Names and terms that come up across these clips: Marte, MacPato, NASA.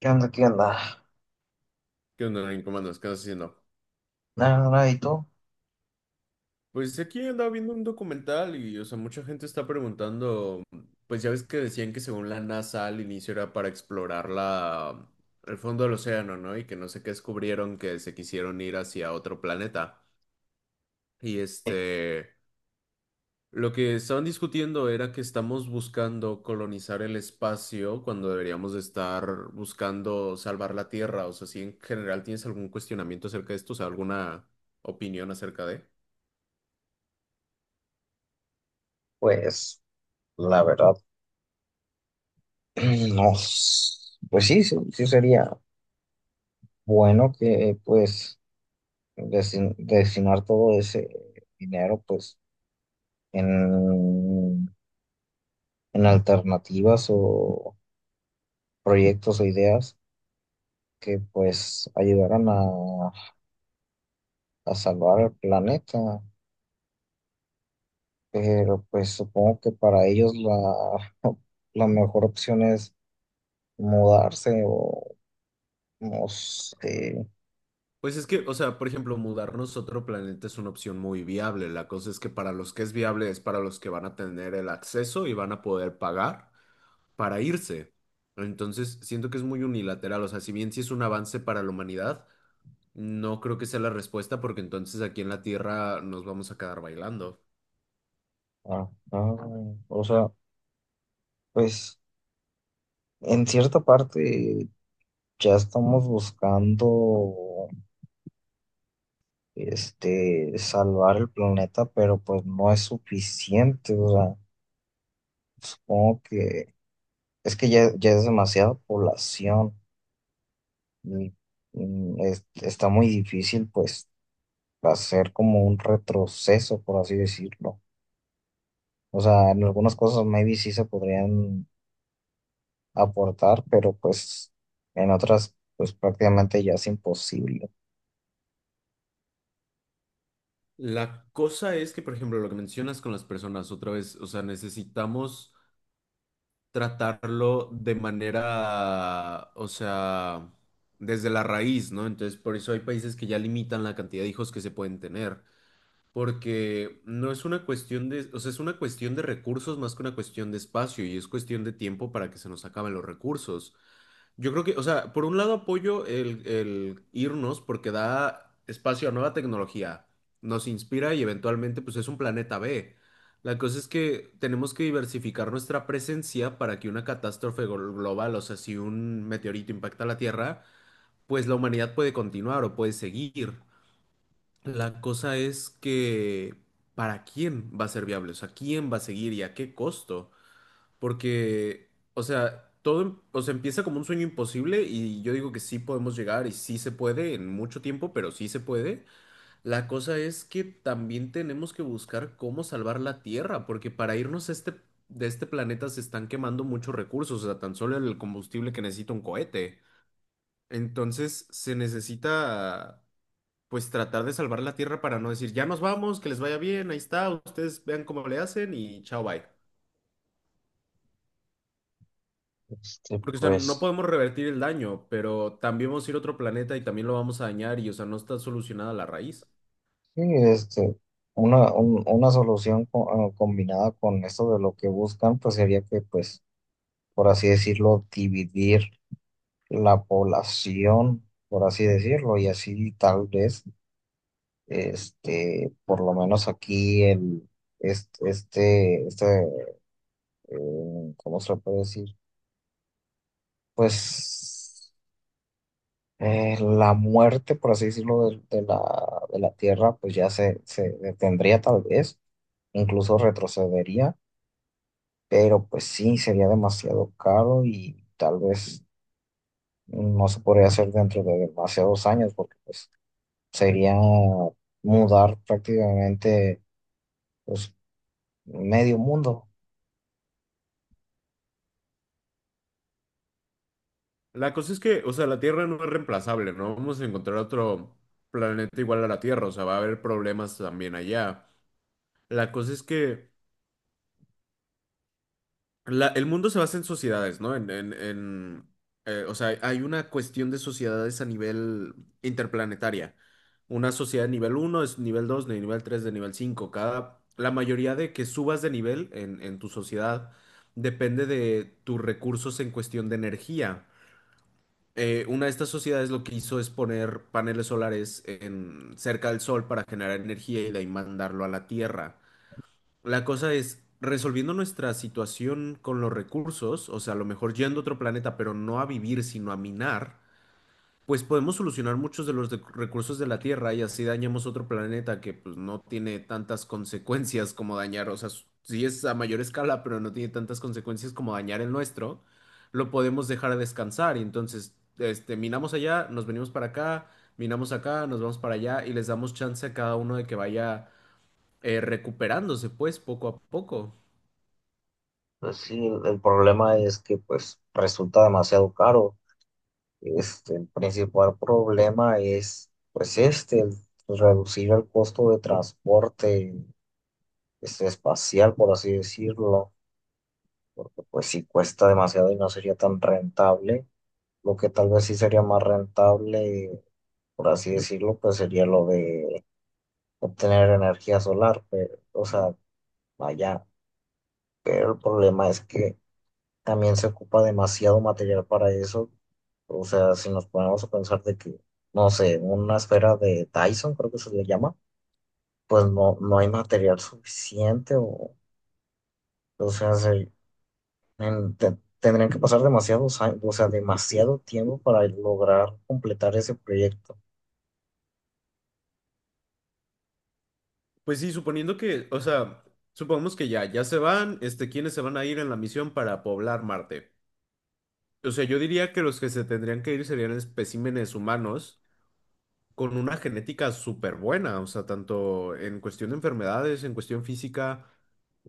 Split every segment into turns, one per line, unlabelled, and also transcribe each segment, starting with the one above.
¿Qué onda? ¿Qué onda?
¿Qué onda, Nain? ¿Cómo andas? ¿Qué andas haciendo?
Nada, nada, ¿y tú?
Pues aquí andaba viendo un documental y, o sea, mucha gente está preguntando, pues ya ves que decían que según la NASA al inicio era para explorar el fondo del océano, ¿no? Y que no sé qué descubrieron, que se quisieron ir hacia otro planeta. Y
Eh,
este, lo que estaban discutiendo era que estamos buscando colonizar el espacio cuando deberíamos de estar buscando salvar la Tierra. O sea, si en general tienes algún cuestionamiento acerca de esto, o sea, alguna opinión acerca de.
Pues la verdad, no. Pues sí, sí, sí sería bueno que pues destinar todo ese dinero pues en, en alternativas o proyectos o ideas que pues ayudaran a salvar el planeta. Pero pues supongo que para ellos la, la mejor opción es mudarse o no sé.
Pues es que, o sea, por ejemplo, mudarnos a otro planeta es una opción muy viable. La cosa es que para los que es viable es para los que van a tener el acceso y van a poder pagar para irse. Entonces, siento que es muy unilateral. O sea, si bien sí es un avance para la humanidad, no creo que sea la respuesta porque entonces aquí en la Tierra nos vamos a quedar bailando.
Ah, ah, o sea, pues en cierta parte ya estamos buscando salvar el planeta, pero pues no es suficiente. O sea, supongo que es que ya, ya es demasiada población y, está muy difícil pues hacer como un retroceso, por así decirlo. O sea, en algunas cosas maybe sí se podrían aportar, pero pues en otras pues prácticamente ya es imposible.
La cosa es que, por ejemplo, lo que mencionas con las personas otra vez, o sea, necesitamos tratarlo de manera, o sea, desde la raíz, ¿no? Entonces, por eso hay países que ya limitan la cantidad de hijos que se pueden tener, porque no es una cuestión de, o sea, es una cuestión de recursos más que una cuestión de espacio y es cuestión de tiempo para que se nos acaben los recursos. Yo creo que, o sea, por un lado apoyo el irnos porque da espacio a nueva tecnología, nos inspira y eventualmente pues es un planeta B. La cosa es que tenemos que diversificar nuestra presencia para que una catástrofe global, o sea, si un meteorito impacta la Tierra, pues la humanidad puede continuar o puede seguir. La cosa es que, ¿para quién va a ser viable? O sea, ¿quién va a seguir y a qué costo? Porque, o sea, todo, o sea, empieza como un sueño imposible y yo digo que sí podemos llegar y sí se puede en mucho tiempo, pero sí se puede. La cosa es que también tenemos que buscar cómo salvar la Tierra, porque para irnos a de este planeta se están quemando muchos recursos, o sea, tan solo el combustible que necesita un cohete. Entonces se necesita, pues, tratar de salvar la Tierra para no decir, ya nos vamos, que les vaya bien, ahí está, ustedes vean cómo le hacen y chao, bye. Porque, o sea, no
Pues
podemos revertir el daño, pero también vamos a ir a otro planeta y también lo vamos a dañar y, o sea, no está solucionada la raíz.
sí, una, una solución combinada con esto de lo que buscan, pues sería que pues, por así decirlo, dividir la población, por así decirlo, y así tal vez, por lo menos aquí el, este, este, este, ¿cómo se puede decir? Pues la muerte, por así decirlo, de la Tierra, pues ya se detendría tal vez, incluso retrocedería, pero pues sí, sería demasiado caro y tal vez no se podría hacer dentro de demasiados años, porque pues sería mudar prácticamente pues medio mundo.
La cosa es que, o sea, la Tierra no es reemplazable, ¿no? Vamos a encontrar otro planeta igual a la Tierra, o sea, va a haber problemas también allá. La cosa es que la, el mundo se basa en sociedades, ¿no? O sea, hay una cuestión de sociedades a nivel interplanetaria. Una sociedad de nivel uno, es nivel 2, de nivel 3, de nivel 5. Cada, la mayoría de que subas de nivel en tu sociedad depende de tus recursos en cuestión de energía. Una de estas sociedades lo que hizo es poner paneles solares en, cerca del sol para generar energía y de ahí mandarlo a la Tierra. La cosa es, resolviendo nuestra situación con los recursos, o sea, a lo mejor yendo a otro planeta, pero no a vivir, sino a minar, pues podemos solucionar muchos de los recursos de la Tierra y así dañamos otro planeta que pues no tiene tantas consecuencias como dañar, o sea, sí es a mayor escala, pero no tiene tantas consecuencias como dañar el nuestro, lo podemos dejar a descansar y entonces, este, minamos allá, nos venimos para acá, minamos acá, nos vamos para allá y les damos chance a cada uno de que vaya recuperándose pues poco a poco.
Pues sí, el problema es que pues resulta demasiado caro. El principal problema es, pues, el reducir el costo de transporte, espacial, por así decirlo, porque, pues, si cuesta demasiado y no sería tan rentable, lo que tal vez sí sería más rentable, por así decirlo, pues, sería lo de obtener energía solar, pero, o sea, allá, pero el problema es que también se ocupa demasiado material para eso. O sea, si nos ponemos a pensar de que, no sé, una esfera de Dyson, creo que se le llama, pues no, no hay material suficiente o sea, tendrían que pasar demasiados años, o sea, demasiado tiempo para lograr completar ese proyecto.
Pues sí, suponiendo que, o sea, supongamos que ya se van, este, ¿quiénes se van a ir en la misión para poblar Marte? O sea, yo diría que los que se tendrían que ir serían especímenes humanos con una genética súper buena, o sea, tanto en cuestión de enfermedades, en cuestión física,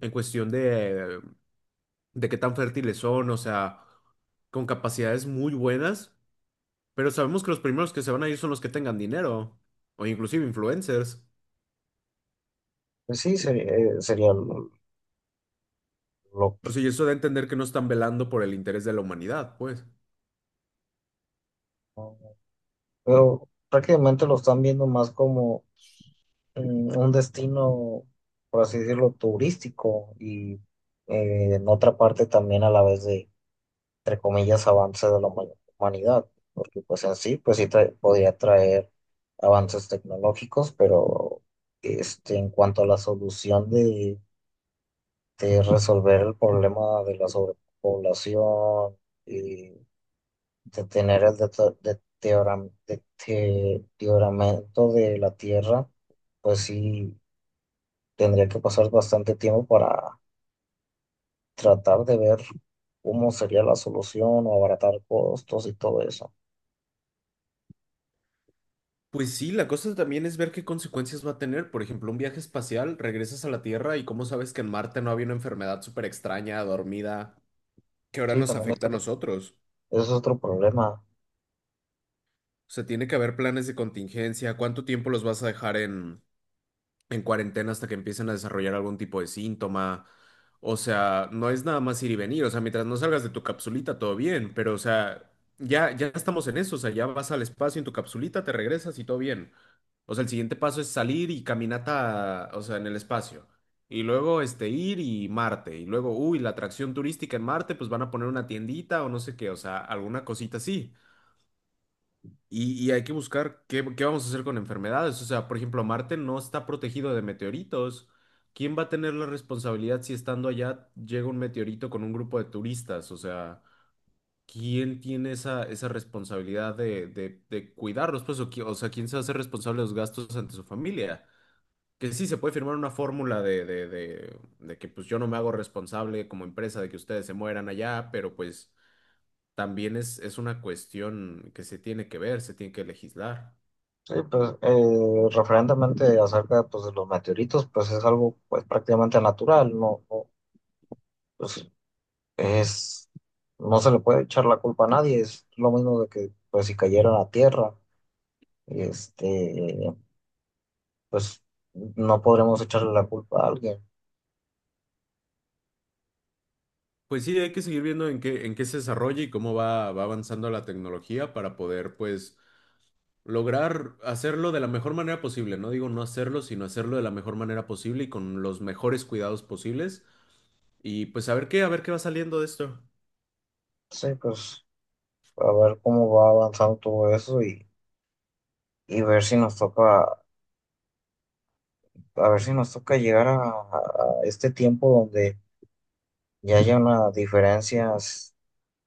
en cuestión de, de qué tan fértiles son, o sea, con capacidades muy buenas, pero sabemos que los primeros que se van a ir son los que tengan dinero, o inclusive influencers.
Pues sí, sería, sería lo-
O sea, y eso da a entender que no están velando por el interés de la humanidad, pues.
pero prácticamente lo están viendo más como un destino, por así decirlo, turístico y en otra parte también a la vez de, entre comillas, avance de la humanidad, porque pues en sí, pues sí podría traer avances tecnológicos, pero en cuanto a la solución de resolver el problema de la sobrepoblación, y de tener el deterioramiento de la Tierra, pues sí tendría que pasar bastante tiempo para tratar de ver cómo sería la solución o abaratar costos y todo eso.
Pues sí, la cosa también es ver qué consecuencias va a tener. Por ejemplo, un viaje espacial, regresas a la Tierra y cómo sabes que en Marte no había una enfermedad súper extraña, dormida, que ahora
Sí,
nos
también
afecta a
eso,
nosotros.
eso es otro problema.
O sea, tiene que haber planes de contingencia, cuánto tiempo los vas a dejar en cuarentena hasta que empiecen a desarrollar algún tipo de síntoma. O sea, no es nada más ir y venir. O sea, mientras no salgas de tu capsulita, todo bien. Pero, o sea, ya estamos en eso. O sea, ya vas al espacio en tu capsulita, te regresas y todo bien. O sea, el siguiente paso es salir y caminata, o sea, en el espacio. Y luego, este, ir y Marte. Y luego, uy, la atracción turística en Marte, pues van a poner una tiendita o no sé qué. O sea, alguna cosita así. Y hay que buscar qué vamos a hacer con enfermedades. O sea, por ejemplo, Marte no está protegido de meteoritos. ¿Quién va a tener la responsabilidad si estando allá llega un meteorito con un grupo de turistas? O sea, ¿quién tiene esa responsabilidad de cuidarlos? Pues, o, o sea, ¿quién se hace responsable de los gastos ante su familia? Que sí, se puede firmar una fórmula de que pues yo no me hago responsable como empresa de que ustedes se mueran allá, pero pues también es una cuestión que se tiene que ver, se tiene que legislar.
Sí, pues referentemente acerca pues, de los meteoritos, pues es algo pues prácticamente natural, no, no, pues es, no se le puede echar la culpa a nadie, es lo mismo de que pues si cayera a la Tierra, este, pues no podremos echarle la culpa a alguien.
Pues sí, hay que seguir viendo en qué se desarrolla y cómo va avanzando la tecnología para poder, pues, lograr hacerlo de la mejor manera posible. No digo no hacerlo, sino hacerlo de la mejor manera posible y con los mejores cuidados posibles. Y pues a ver qué va saliendo de esto.
Sí, pues, a ver cómo va avanzando todo eso y ver si nos toca, a ver si nos toca llegar a este tiempo donde ya haya una diferencia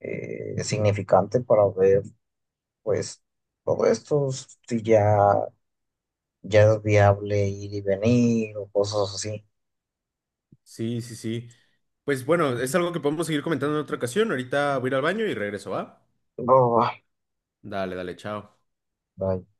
significante para ver, pues, todo esto, si ya, ya es viable ir y venir o cosas así.
Sí, sí, sí. Pues bueno, es algo que podemos seguir comentando en otra ocasión. Ahorita voy a ir al baño y regreso, ¿va?
Va, va,
Dale, dale, chao.
va.